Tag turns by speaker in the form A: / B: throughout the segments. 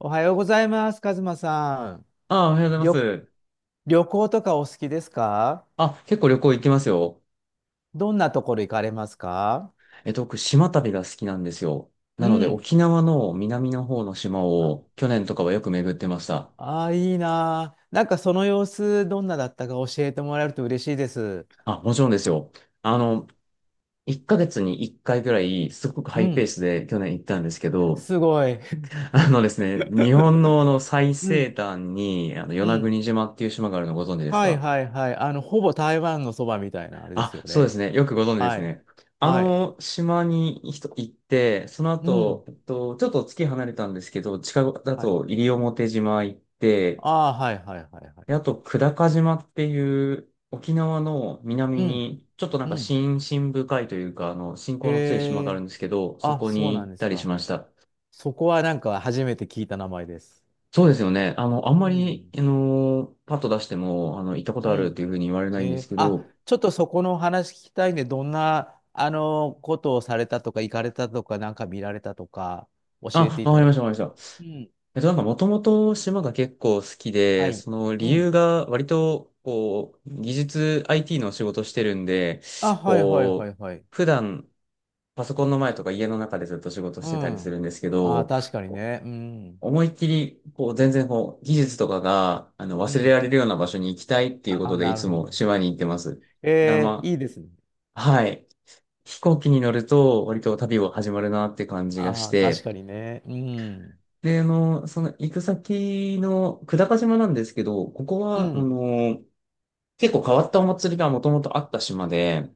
A: おはようございます、カズマさん。
B: あ、おはようございま
A: 旅、
B: す。
A: 旅行とかお好きですか？
B: あ、結構旅行行きますよ。
A: どんなところ行かれますか？
B: 僕、島旅が好きなんですよ。
A: う
B: なので、
A: ん。
B: 沖縄の南の方の島
A: あ、
B: を、去年とかはよく巡ってました。
A: あー、いいなー。その様子、どんなだったか教えてもらえると嬉しいです。
B: あ、もちろんですよ。あの、1ヶ月に1回ぐらい、すごくハ
A: う
B: イペー
A: ん。
B: スで去年行ったんですけど、
A: すごい。
B: あのですね、日本のあの最
A: う
B: 西
A: ん。
B: 端に、与
A: う
B: 那
A: ん。
B: 国島っていう島があるのご存知です
A: はい
B: か？
A: はいはい。あの、ほぼ台湾のそばみたいなあれです
B: あ、
A: よ
B: そうで
A: ね。
B: すね。よくご存知で
A: は
B: す
A: い。
B: ね。あ
A: はい。
B: の島に一行って、その
A: うん。
B: 後、ちょっと月離れたんですけど、近くだ
A: はい。
B: と西表島行って、
A: ああ、はいはいはいは
B: で、
A: い。
B: あと久高島っていう沖縄の南
A: うん。
B: に、ちょっとなん
A: う
B: か
A: ん。
B: 深深深いというか、信
A: へ
B: 仰の強い島がある
A: え。
B: んですけど、そ
A: あ、
B: こ
A: そう
B: に
A: な
B: 行っ
A: んです
B: たりし
A: か。
B: ました。
A: そこはなんか初めて聞いた名前です。
B: そうですよね。あ
A: う
B: んまり、
A: ん。
B: パッと出しても、行ったこと
A: う
B: あるって
A: ん。
B: いうふうに言われないんですけ
A: あ、
B: ど、
A: ちょっとそこの話聞きたいね。どんな、ことをされたとか、行かれたとか、なんか見られたとか、教え
B: あ、
A: てい
B: わ
A: た
B: かり
A: だ
B: ました、
A: け
B: わ
A: る
B: かり
A: と。
B: まし
A: うん。
B: た。なんかもともと島が結構好き
A: は
B: で、
A: い。
B: その
A: う
B: 理由
A: ん。
B: が割と、こう、技術 IT の仕事してるんで、
A: あ、はいはいは
B: こう、
A: いはい。
B: 普段パソコンの前とか家の中でずっと仕事
A: う
B: してたりす
A: ん。
B: るんですけ
A: あー、
B: ど、
A: 確かに
B: こう
A: ね。うん。
B: 思いっきり、こう、全然こう、技術とかが、
A: う
B: 忘れ
A: ん。
B: られるような場所に行きたいっていうこ
A: あ
B: と
A: ー、
B: で、い
A: なる
B: つ
A: ほ
B: も
A: ど。
B: 島に行ってます。だからま
A: いいですね。
B: あ、はい。飛行機に乗ると、割と旅を始まるなって感じがし
A: ああ、確
B: て、
A: かにね。うん。
B: で、その行く先の久高島なんですけど、ここ
A: う
B: は、
A: ん。
B: 結構変わったお祭りがもともとあった島で、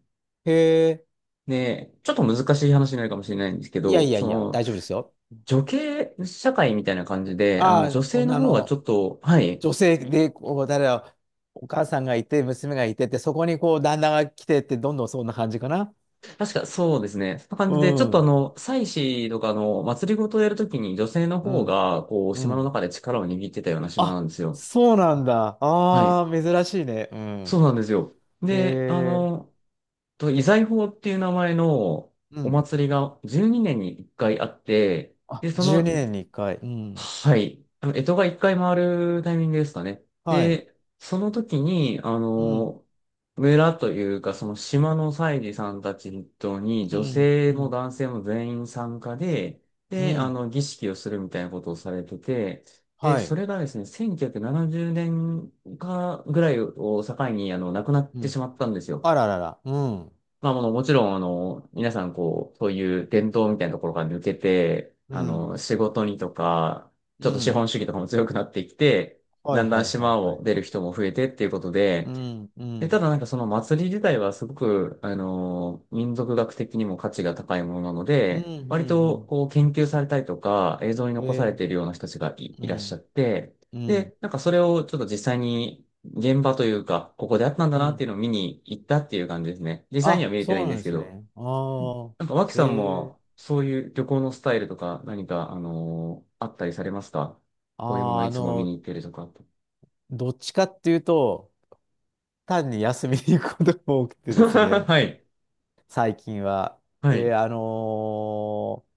A: へえ、
B: で、ちょっと難しい話になるかもしれないんですけ
A: いやい
B: ど、
A: やいや、大丈夫ですよ。
B: 女系社会みたいな感じで、
A: あ
B: 女
A: あ、
B: 性の
A: あ
B: 方がちょ
A: の、
B: っと、はい、
A: 女性で、こう、誰だ、お母さんがいて、娘がいてって、そこにこう、旦那が来てって、どんどんそんな感じかな。
B: 確かそうですね、そんな感
A: う
B: じで、ちょっと
A: ん、
B: 祭祀とかあの祭りごとをやるときに女性の
A: う
B: 方
A: ん、
B: が、こう、
A: う
B: 島の
A: ん。
B: 中で力を握ってたような島な
A: あ、
B: んですよ。
A: そうなんだ。
B: は
A: あ
B: い、
A: あ、珍しいね。う
B: そ
A: ん。
B: うなんですよ。
A: え
B: で、
A: え、
B: 遺財法っていう名前の
A: う
B: お
A: ん。
B: 祭りが12年に1回あって、
A: あ、
B: で、
A: 12年に1回。うん。
B: はい、干支が1回回るタイミングですかね。
A: はい。
B: で、その時に、
A: うん、
B: 村というか、その島の祭司さんたち筆頭に、
A: う
B: 女
A: ん、
B: 性
A: う
B: も
A: ん、
B: 男性も全員参加で、
A: う
B: で、
A: ん。
B: 儀式をするみたいなことをされてて、で、
A: は
B: そ
A: い。
B: れがですね、1970年かぐらいを境に、亡くなっ
A: う
B: て
A: ん。
B: しまったんですよ。
A: あららら。うん、
B: まあ、もうもちろん、皆さん、こう、そういう伝統みたいなところから抜けて、
A: うん、
B: 仕事にとか、ちょ
A: う
B: っと資
A: ん。
B: 本主義とかも強くなってきて、
A: は
B: だ
A: い
B: んだん
A: はいはい
B: 島
A: は
B: を
A: い。
B: 出る人も増えてっていうこと
A: う
B: で、
A: ん、う
B: た
A: ん、
B: だなんかその祭り自体はすごく、民族学的にも価値が高いものなの
A: うん、う
B: で、
A: ん、
B: 割
A: う
B: と
A: ん。
B: こう研究されたりとか映像に
A: え
B: 残され
A: え、
B: ているような人たちがい、
A: う
B: いらっしゃっ
A: ん、
B: て、
A: うん。
B: で、なんかそれをちょっと実際に現場というか、ここであったんだ
A: う
B: なって
A: ん、
B: いうのを見に行ったっていう感じですね。実際には
A: あ、
B: 見れてない
A: そ
B: ん
A: うな
B: で
A: ん
B: す
A: で
B: け
A: す
B: ど、
A: ね。ああ、
B: なんか脇さん
A: ええ、
B: もそういう旅行のスタイルとか何か、あったりされますか？
A: あ、
B: こういうものをいつも見に行ってるとか。
A: どっちかっていうと、単に休みに行くことが多く てですね、
B: はい。
A: 最近は。
B: は
A: で、
B: い。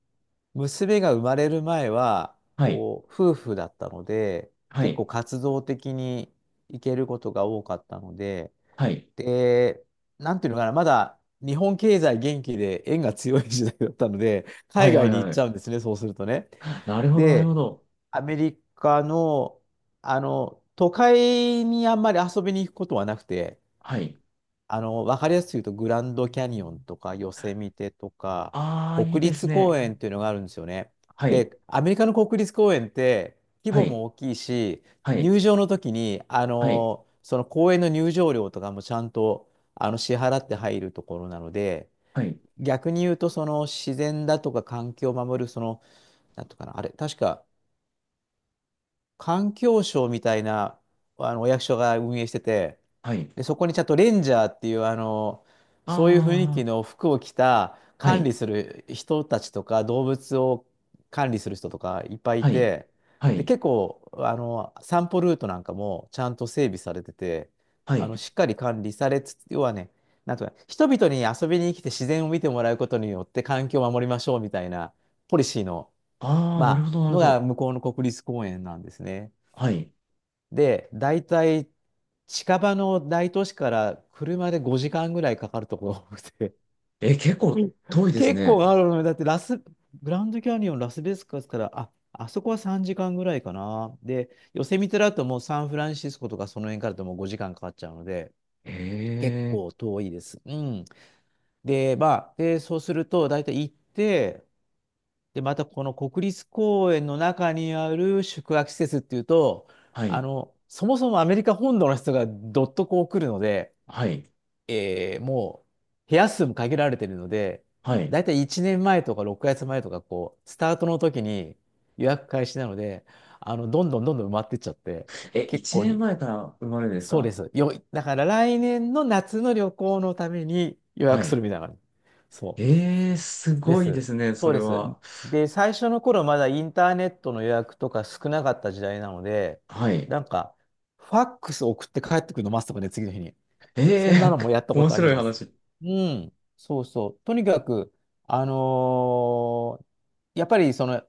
A: 娘が生まれる前は、
B: はい。
A: こう、夫婦だったので、
B: は
A: 結構
B: い。
A: 活動的に行けることが多かったので、
B: はい。
A: で、なんていうのかな、まだ日本経済元気で円が強い時代だったので、
B: は
A: 海
B: いは
A: 外
B: い
A: に行っ
B: は
A: ち
B: い。
A: ゃうんですね、そうするとね。
B: なるほど、なるほ
A: で、
B: ど。
A: アメリカの、あの、都会にあんまり遊びに行くことはなくて、
B: はい。
A: あの、わかりやすく言うと、グランドキャニオンとか、ヨセミテとか、
B: ああ、いい
A: 国
B: です
A: 立公
B: ね。
A: 園っていうのがあるんですよね。
B: はい。
A: で、アメリカの国立公園って、規
B: は
A: 模も
B: い。
A: 大きいし、
B: はい。
A: 入場の時に、あ
B: はい。
A: の、その公園の入場料とかもちゃんと、あの、支払って入るところなので、
B: はい。
A: 逆に言うと、その自然だとか環境を守る、その、なんとかな、あれ、確か、環境省みたいな、あの、お役所が運営してて、
B: はい。
A: で、そこにちゃんとレンジャーっていう、あの、そういう雰囲
B: あ
A: 気の服を着た
B: あ、は
A: 管
B: い。
A: 理する人たちとか、動物を管理する人とかいっぱいい
B: はい。
A: て、
B: は
A: で、
B: い。
A: 結構、あの、散歩ルートなんかもちゃんと整備されてて、
B: は
A: あ
B: い。
A: の、しっかり管理されつつ、要はね、なんとか、人々に遊びに来て自然を見てもらうことによって環境を守りましょうみたいなポリシーの、
B: ああ、なる
A: ま
B: ほ
A: あ、
B: ど、なる
A: の
B: ほ
A: が
B: ど。
A: 向こうの国立公園なんですね。
B: はい。
A: で、大体近場の大都市から車で5時間ぐらいかかるところが多くて、
B: え、結
A: う
B: 構
A: ん、
B: 遠いです
A: 結構
B: ね。
A: あるのよ。だってラス、グランドキャニオン、ラスベガスから、あ、あそこは3時間ぐらいかな。で、ヨセミテだともうサンフランシスコとかその辺からだともう5時間かかっちゃうので、
B: へ
A: 結構
B: え。
A: 遠いです。うん。で、まあ、で、そうすると、大体行って、で、またこの国立公園の中にある宿泊施設っていうと、
B: は
A: あ
B: い。
A: の、そもそもアメリカ本土の人がどっとこう来るので、
B: はい。
A: もう部屋数も限られてるので、
B: はい。
A: だいたい1年前とか6月前とか、こう、スタートの時に予約開始なので、あの、どんどん埋まってっちゃって、
B: え、
A: 結
B: 一
A: 構
B: 年
A: に、
B: 前から生まれです
A: そうで
B: か？
A: す。よ、だから来年の夏の旅行のために予
B: は
A: 約す
B: い。
A: るみたいな感じ。そ
B: ええ、す
A: う。で
B: ごいで
A: す。
B: すね、そ
A: そう
B: れ
A: です。
B: は。
A: で、最初の頃まだインターネットの予約とか少なかった時代なので、
B: はい。
A: なんか、ファックス送って帰ってくるの待つとかね、次の日に。そんな
B: え
A: の
B: え、
A: もやっ たこ
B: 面
A: とあり
B: 白い
A: ます。
B: 話。
A: うん、そうそう。とにかく、あのーやっぱりその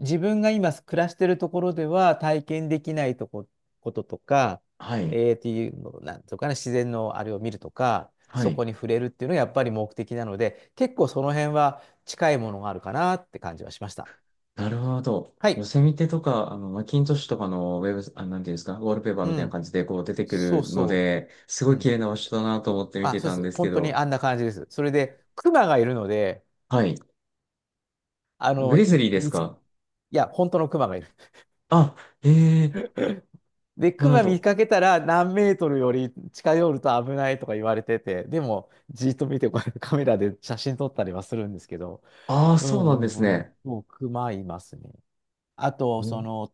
A: 自分が今暮らしてるところでは体験できないこととか、
B: はい。
A: っていうの、なんとかね、自然のあれを見るとか、
B: は
A: そこ
B: い。
A: に触れるっていうのがやっぱり目的なので、結構その辺は近いものがあるかなって感じはしました。
B: なるほど。
A: は
B: ヨ
A: い。
B: セミテとか、マッキントッシュとかのウェブ、あ、なんていうんですか、ウォールペーパー
A: う
B: みたいな
A: ん。
B: 感じでこう出てく
A: そう
B: るの
A: そ
B: で、す
A: う。
B: ご
A: う
B: い綺
A: ん。
B: 麗な場所だなと思って見
A: あ、
B: て
A: そうで
B: たんで
A: す。
B: すけ
A: 本当に
B: ど。
A: あんな感じです。それで、クマがいるので、
B: はい。
A: あ
B: グ
A: の、い、
B: リズリーです
A: 見つ、い
B: か？
A: や、本当のクマがいる。
B: あ、ええ、
A: で、
B: な
A: ク
B: るほ
A: マ見
B: ど。
A: かけたら何メートルより近寄ると危ないとか言われてて、でも、じっと見て、こうやって カメラで写真撮ったりはするんですけど、
B: ああ、
A: う
B: そうなんで
A: んう
B: す
A: んうん。
B: ね。
A: もうクマいますね。あと、
B: ん、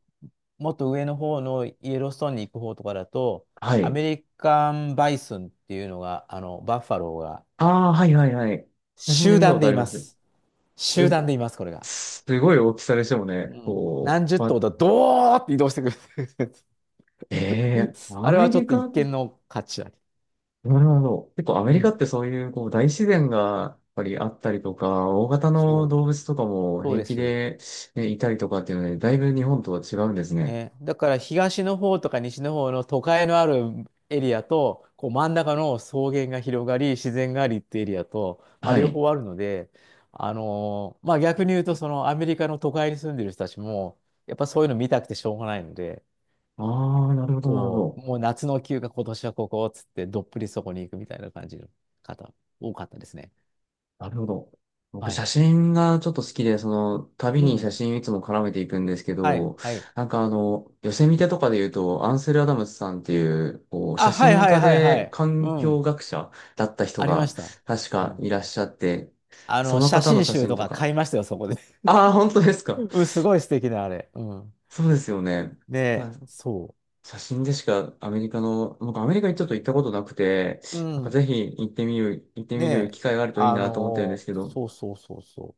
A: もっと上の方のイエローストーンに行く方とかだと、
B: は
A: ア
B: い。
A: メリカンバイソンっていうのが、あの、バッファローが、
B: ああ、はいはいはい。写真で
A: 集
B: 見た
A: 団
B: こと
A: で
B: あ
A: い
B: り
A: ま
B: ます。
A: す。
B: う
A: 集団で
B: ん、
A: います、これが。
B: すごい大きさでしたもんね。
A: うん。
B: こ
A: 何十
B: う、ま、
A: 頭だ、ドーって移動してくる。
B: ええ、
A: あ
B: ア
A: れ
B: メ
A: はちょ
B: リ
A: っと一
B: カ、
A: 見の価値あり。
B: なるほど。結構アメ
A: う
B: リカ
A: ん。
B: ってそういうこう大自然がやっぱりあったりとか、大型の
A: そう。
B: 動物とかも
A: そう
B: 平
A: で
B: 気
A: す。
B: で、ね、いたりとかっていうので、だいぶ日本とは違うんですね。
A: ね。だから東の方とか西の方の都会のあるエリアと、こう真ん中の草原が広がり、自然がありっていうエリアと、まあ、
B: は
A: 両
B: い。
A: 方あるので、まあ逆に言うと、そのアメリカの都会に住んでる人たちも、やっぱそういうの見たくてしょうがないので、
B: ああ、なるほど、なるほ
A: こう、
B: ど。
A: もう夏の休暇今年はここっつってどっぷりそこに行くみたいな感じの方、多かったですね。
B: なるほど。僕、
A: は
B: 写
A: い。
B: 真がちょっと好きで、旅
A: う
B: に写
A: ん。
B: 真いつも絡めていくんですけ
A: はい、
B: ど、
A: はい。
B: なんか寄せ見てとかで言うと、アンセル・アダムスさんっていう、こう、
A: あ、
B: 写
A: はい、
B: 真
A: はい、
B: 家
A: はい、は
B: で
A: い。
B: 環
A: う
B: 境
A: ん。
B: 学者だった人
A: ありま
B: が、
A: した。
B: 確
A: う
B: か
A: ん。
B: いらっしゃって、
A: あ
B: そ
A: の、
B: の
A: 写
B: 方の
A: 真
B: 写
A: 集
B: 真
A: と
B: と
A: か
B: か、
A: 買いましたよ、そこで。
B: ああ、本当です か。
A: うん、すごい素敵な、あれ。うん。
B: そうですよね。あ、
A: ねえ、そ
B: 写真でしかアメリカの、僕アメリカにちょっと行ったことなくて、
A: う。う
B: なんか
A: ん。
B: ぜひ行ってみる、行って
A: ね
B: みる
A: え、
B: 機会があるといいなと思ってるんですけど、
A: そうそうそうそ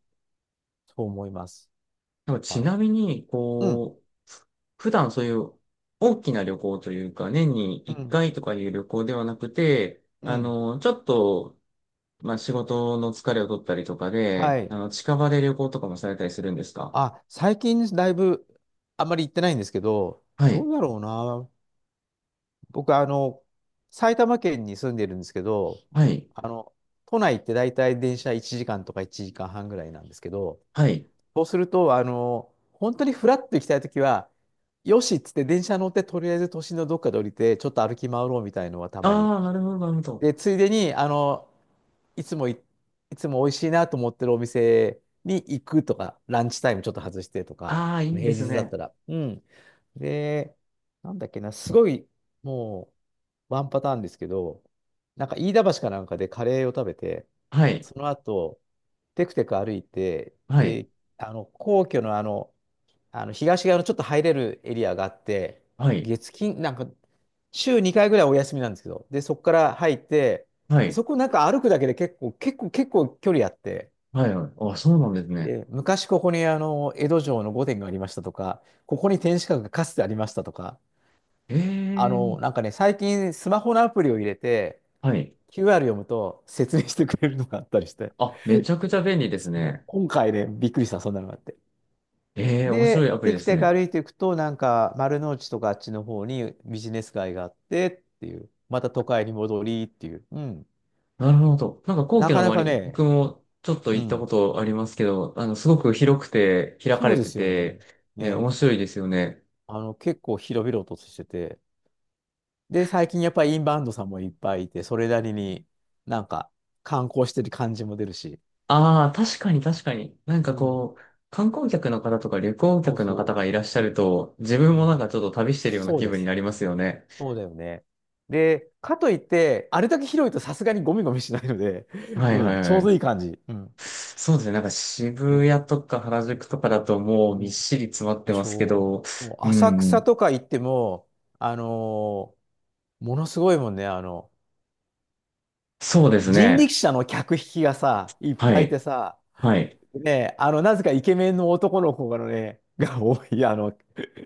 A: う。そう思います。
B: なんかち
A: はい。
B: なみに、
A: うん、
B: こう、普段そういう大きな旅行というか、年に
A: う
B: 1
A: ん、
B: 回とかいう旅行ではなくて、
A: うん。
B: ちょっと、まあ仕事の疲れを取ったりとか
A: は
B: で、
A: い。
B: 近場で旅行とかもされたりするんですか？
A: あ、最近だいぶ、あんまり行ってないんですけど、
B: は
A: ど
B: い。
A: うだろうな。僕、あの、埼玉県に住んでるんですけど、
B: はい。
A: あの、都内って大体電車1時間とか1時間半ぐらいなんですけど、
B: はい。
A: そうすると、あの、本当にフラッと行きたいときは、よしっつって電車乗って、とりあえず都心のどっかで降りて、ちょっと歩き回ろうみたいのはたまに。
B: ああ、なるほど、なるほど。
A: で、ついでに、あの、いつもい、いつも美味しいなと思ってるお店に行くとか、ランチタイムちょっと外してとか、
B: ああ、いいで
A: 平
B: す
A: 日だっ
B: ね。
A: たら。うん。で、なんだっけな、すごい、もう、ワンパターンですけど、なんか飯田橋かなんかでカレーを食べて、
B: はい、
A: その後、テクテク歩いて、
B: はい、
A: で、皇居の東側のちょっと入れるエリアがあって、
B: はい、
A: 月金、なんか、週2回ぐらいお休みなんですけど、で、そこから入って、
B: は
A: で、
B: い、
A: そこなんか歩くだけで結構距離あって、
B: はい、はい。あ、そうなんですね。
A: で、昔ここに江戸城の御殿がありましたとか、ここに天守閣がかつてありましたとか、
B: ええ、
A: なんかね、最近スマホのアプリを入れて、
B: はい。
A: QR 読むと説明してくれるのがあったりして、
B: あ、めち ゃくちゃ便利です
A: そう
B: ね。
A: 今回ね、びっくりした、そんなのがあって。
B: ええ、面白いア
A: で、
B: プリ
A: テ
B: で
A: ク
B: す
A: テク
B: ね。
A: 歩いていくと、なんか丸の内とかあっちの方にビジネス街があってっていう、また都会に戻りっていう。うん。
B: なるほど。なんか皇
A: な
B: 居の
A: かなか
B: 周り、僕
A: ね。
B: もちょっと
A: う
B: 行ったこ
A: ん。
B: とありますけど、すごく広くて、開か
A: そう
B: れ
A: で
B: て
A: すよね。
B: て、ね、
A: ね。
B: 面白いですよね。
A: 結構広々としてて、で、最近やっぱりインバウンドさんもいっぱいいて、それなりになんか観光してる感じも出るし。
B: ああ、確かに確かに。なん
A: う
B: か
A: ん。
B: こう、観光客の方とか旅行
A: そう
B: 客の方
A: そ
B: がいらっしゃ
A: う。う
B: ると、自分もなん
A: ん。
B: かちょっと旅してるような
A: そう
B: 気
A: で
B: 分に
A: す。
B: なりますよね。
A: そうだよね。で、かといって、あれだけ広いとさすがにゴミゴミしないので、
B: はい
A: う
B: は
A: ん、
B: い
A: ちょ
B: は
A: うど
B: い。
A: いい感じ。うん。
B: そうですね。なんか渋
A: ね。
B: 谷とか原宿とかだともう
A: う
B: みっ
A: ん。
B: しり詰まって
A: で
B: ま
A: し
B: すけ
A: ょ
B: ど、
A: う。もう
B: う
A: 浅草
B: ん。
A: とか行っても、あのーものすごいもんね。
B: そうです
A: 人
B: ね。
A: 力車の客引きがさ、いっ
B: は
A: ぱいいて
B: い。
A: さ、
B: はい。
A: ね、なぜかイケメンの男の子がね、が多い、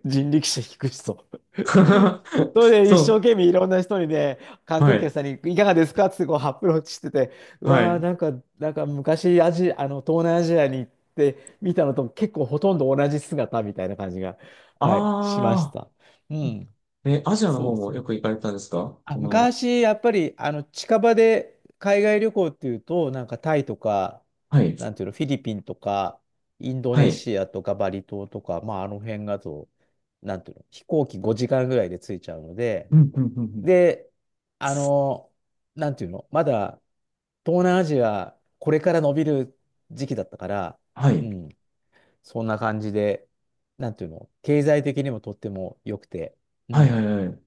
A: 人力車引く人。そ れで一生
B: そ
A: 懸命いろんな人にね、観
B: う。は
A: 光客
B: い。
A: さんにいかがですかってこうアプローチしてて、う
B: は
A: わー、
B: い。
A: なんか昔アジ、あの、東南アジアに行って見たのと結構ほとんど同じ姿みたいな感じが、
B: あ
A: はい、しました。
B: あ。
A: うん、
B: え、アジアの
A: そ
B: 方
A: う
B: も
A: そ
B: よく
A: う。
B: 行かれたんですか？
A: あ、
B: この、
A: 昔、やっぱり、近場で海外旅行っていうと、なんかタイとか、
B: はい。
A: なんていうの、フィリピンとか、インド
B: は
A: ネ
B: い。
A: シアとかバリ島とか、まあ、あの辺だと、なんていうの、飛行機5時間ぐらいで着いちゃうので、
B: うん、うん、うん、うん。
A: で、あの、なんていうの、まだ東南アジア、これから伸びる時期だったから。
B: は
A: う
B: い。
A: ん。そんな感じで、なんていうの、経済的にもとっても良くて。う
B: はい、はい、
A: ん、
B: はい。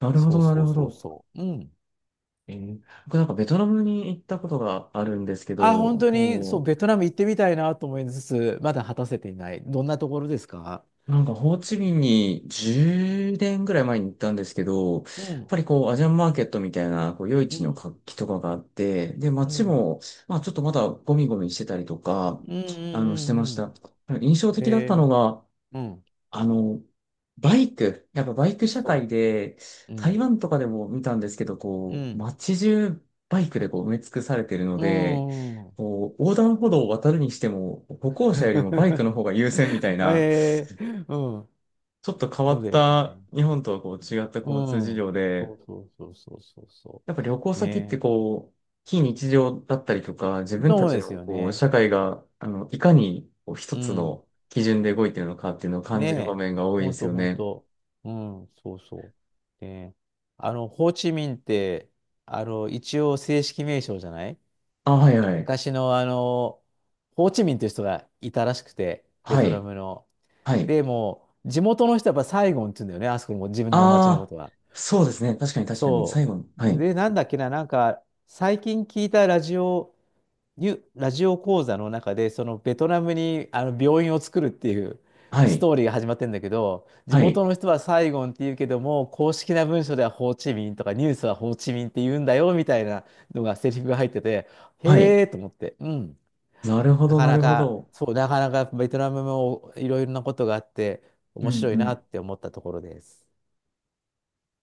B: なるほ
A: そう
B: ど、な
A: そ
B: る
A: う
B: ほ
A: そう
B: ど。
A: そう。うん。
B: 僕なんかベトナムに行ったことがあるんですけ
A: あ、本
B: ど、
A: 当に、そ
B: も
A: う、ベ
B: う
A: トナム行ってみたいなと思いつつ、まだ果たせていない。どんなところですか？
B: なんか、ホーチミンに10年ぐらい前に行ったんですけど、やっ
A: うん。
B: ぱりこう、アジアンマーケットみたいな、こう、夜
A: う
B: 市の
A: ん。
B: 活気とかがあって、で、
A: う
B: 街
A: ん。
B: も、まあ、ちょっとまだゴミゴミしてたりとか、
A: うん。うん。うん。
B: してまし
A: うん
B: た。印象的だった
A: え
B: のが、
A: ー、うん。
B: あの、バイク。やっぱバイク社会
A: そ
B: で、
A: う。う
B: 台
A: ん。
B: 湾とかでも見たんですけど、
A: う
B: こう、
A: ん。
B: 街中バイクでこう埋め尽くされてるの
A: う
B: で、
A: ん。うん。
B: こう、横断歩道を渡るにしても、歩行者よりもバイクの 方が優先みたいな、
A: えー、うん。
B: ちょっと変わ
A: そう
B: っ
A: だよ
B: た
A: ね。
B: 日本とはこう違った
A: う
B: 交通事
A: ん。
B: 情
A: そ
B: で、
A: うそうそうそうそうそ
B: やっぱ旅行
A: う。ね
B: 先って
A: え。
B: こう、非日常だったりとか、自分た
A: そう
B: ち
A: です
B: の
A: よ
B: こう、
A: ね。
B: 社会が、いかにこう一
A: う
B: つ
A: ん。
B: の基準で動いてるのかっていうのを感
A: ね
B: じる場
A: え、
B: 面が多い
A: ほ
B: で
A: ん
B: す
A: と
B: よ
A: ほん
B: ね。
A: と。うん、そうそう。で、ホーチミンって、一応正式名称じゃない
B: あ、はいはい。
A: 昔のホーチミンという人がいたらしくて、ベ
B: は
A: トナ
B: い。
A: ムの。
B: はい。
A: でも地元の人はやっぱサイゴンって言うんだよね、あそこも自分の町のこ
B: ああ、
A: とは。
B: そうですね。確かに確かに。
A: そ
B: 最後の。は
A: う。
B: い。
A: で、なんだっけな、なんか、最近聞いたラジオ講座の中で、そのベトナムに病院を作るっていう
B: は
A: スト
B: い。
A: ーリーが始まってんだけど、地
B: は
A: 元
B: い。
A: の人はサイゴンって言うけども、公式な文書ではホーチミンとかニュースはホーチミンって言うんだよみたいなのがセリフが入ってて、
B: は
A: へ
B: い。
A: えと思って。うん。
B: なるほ
A: な
B: ど、
A: か
B: な
A: な
B: るほ
A: か、
B: ど。
A: そう、なかなかベトナムもいろいろなことがあって
B: う
A: 面白いなっ
B: ん
A: て思ったところです。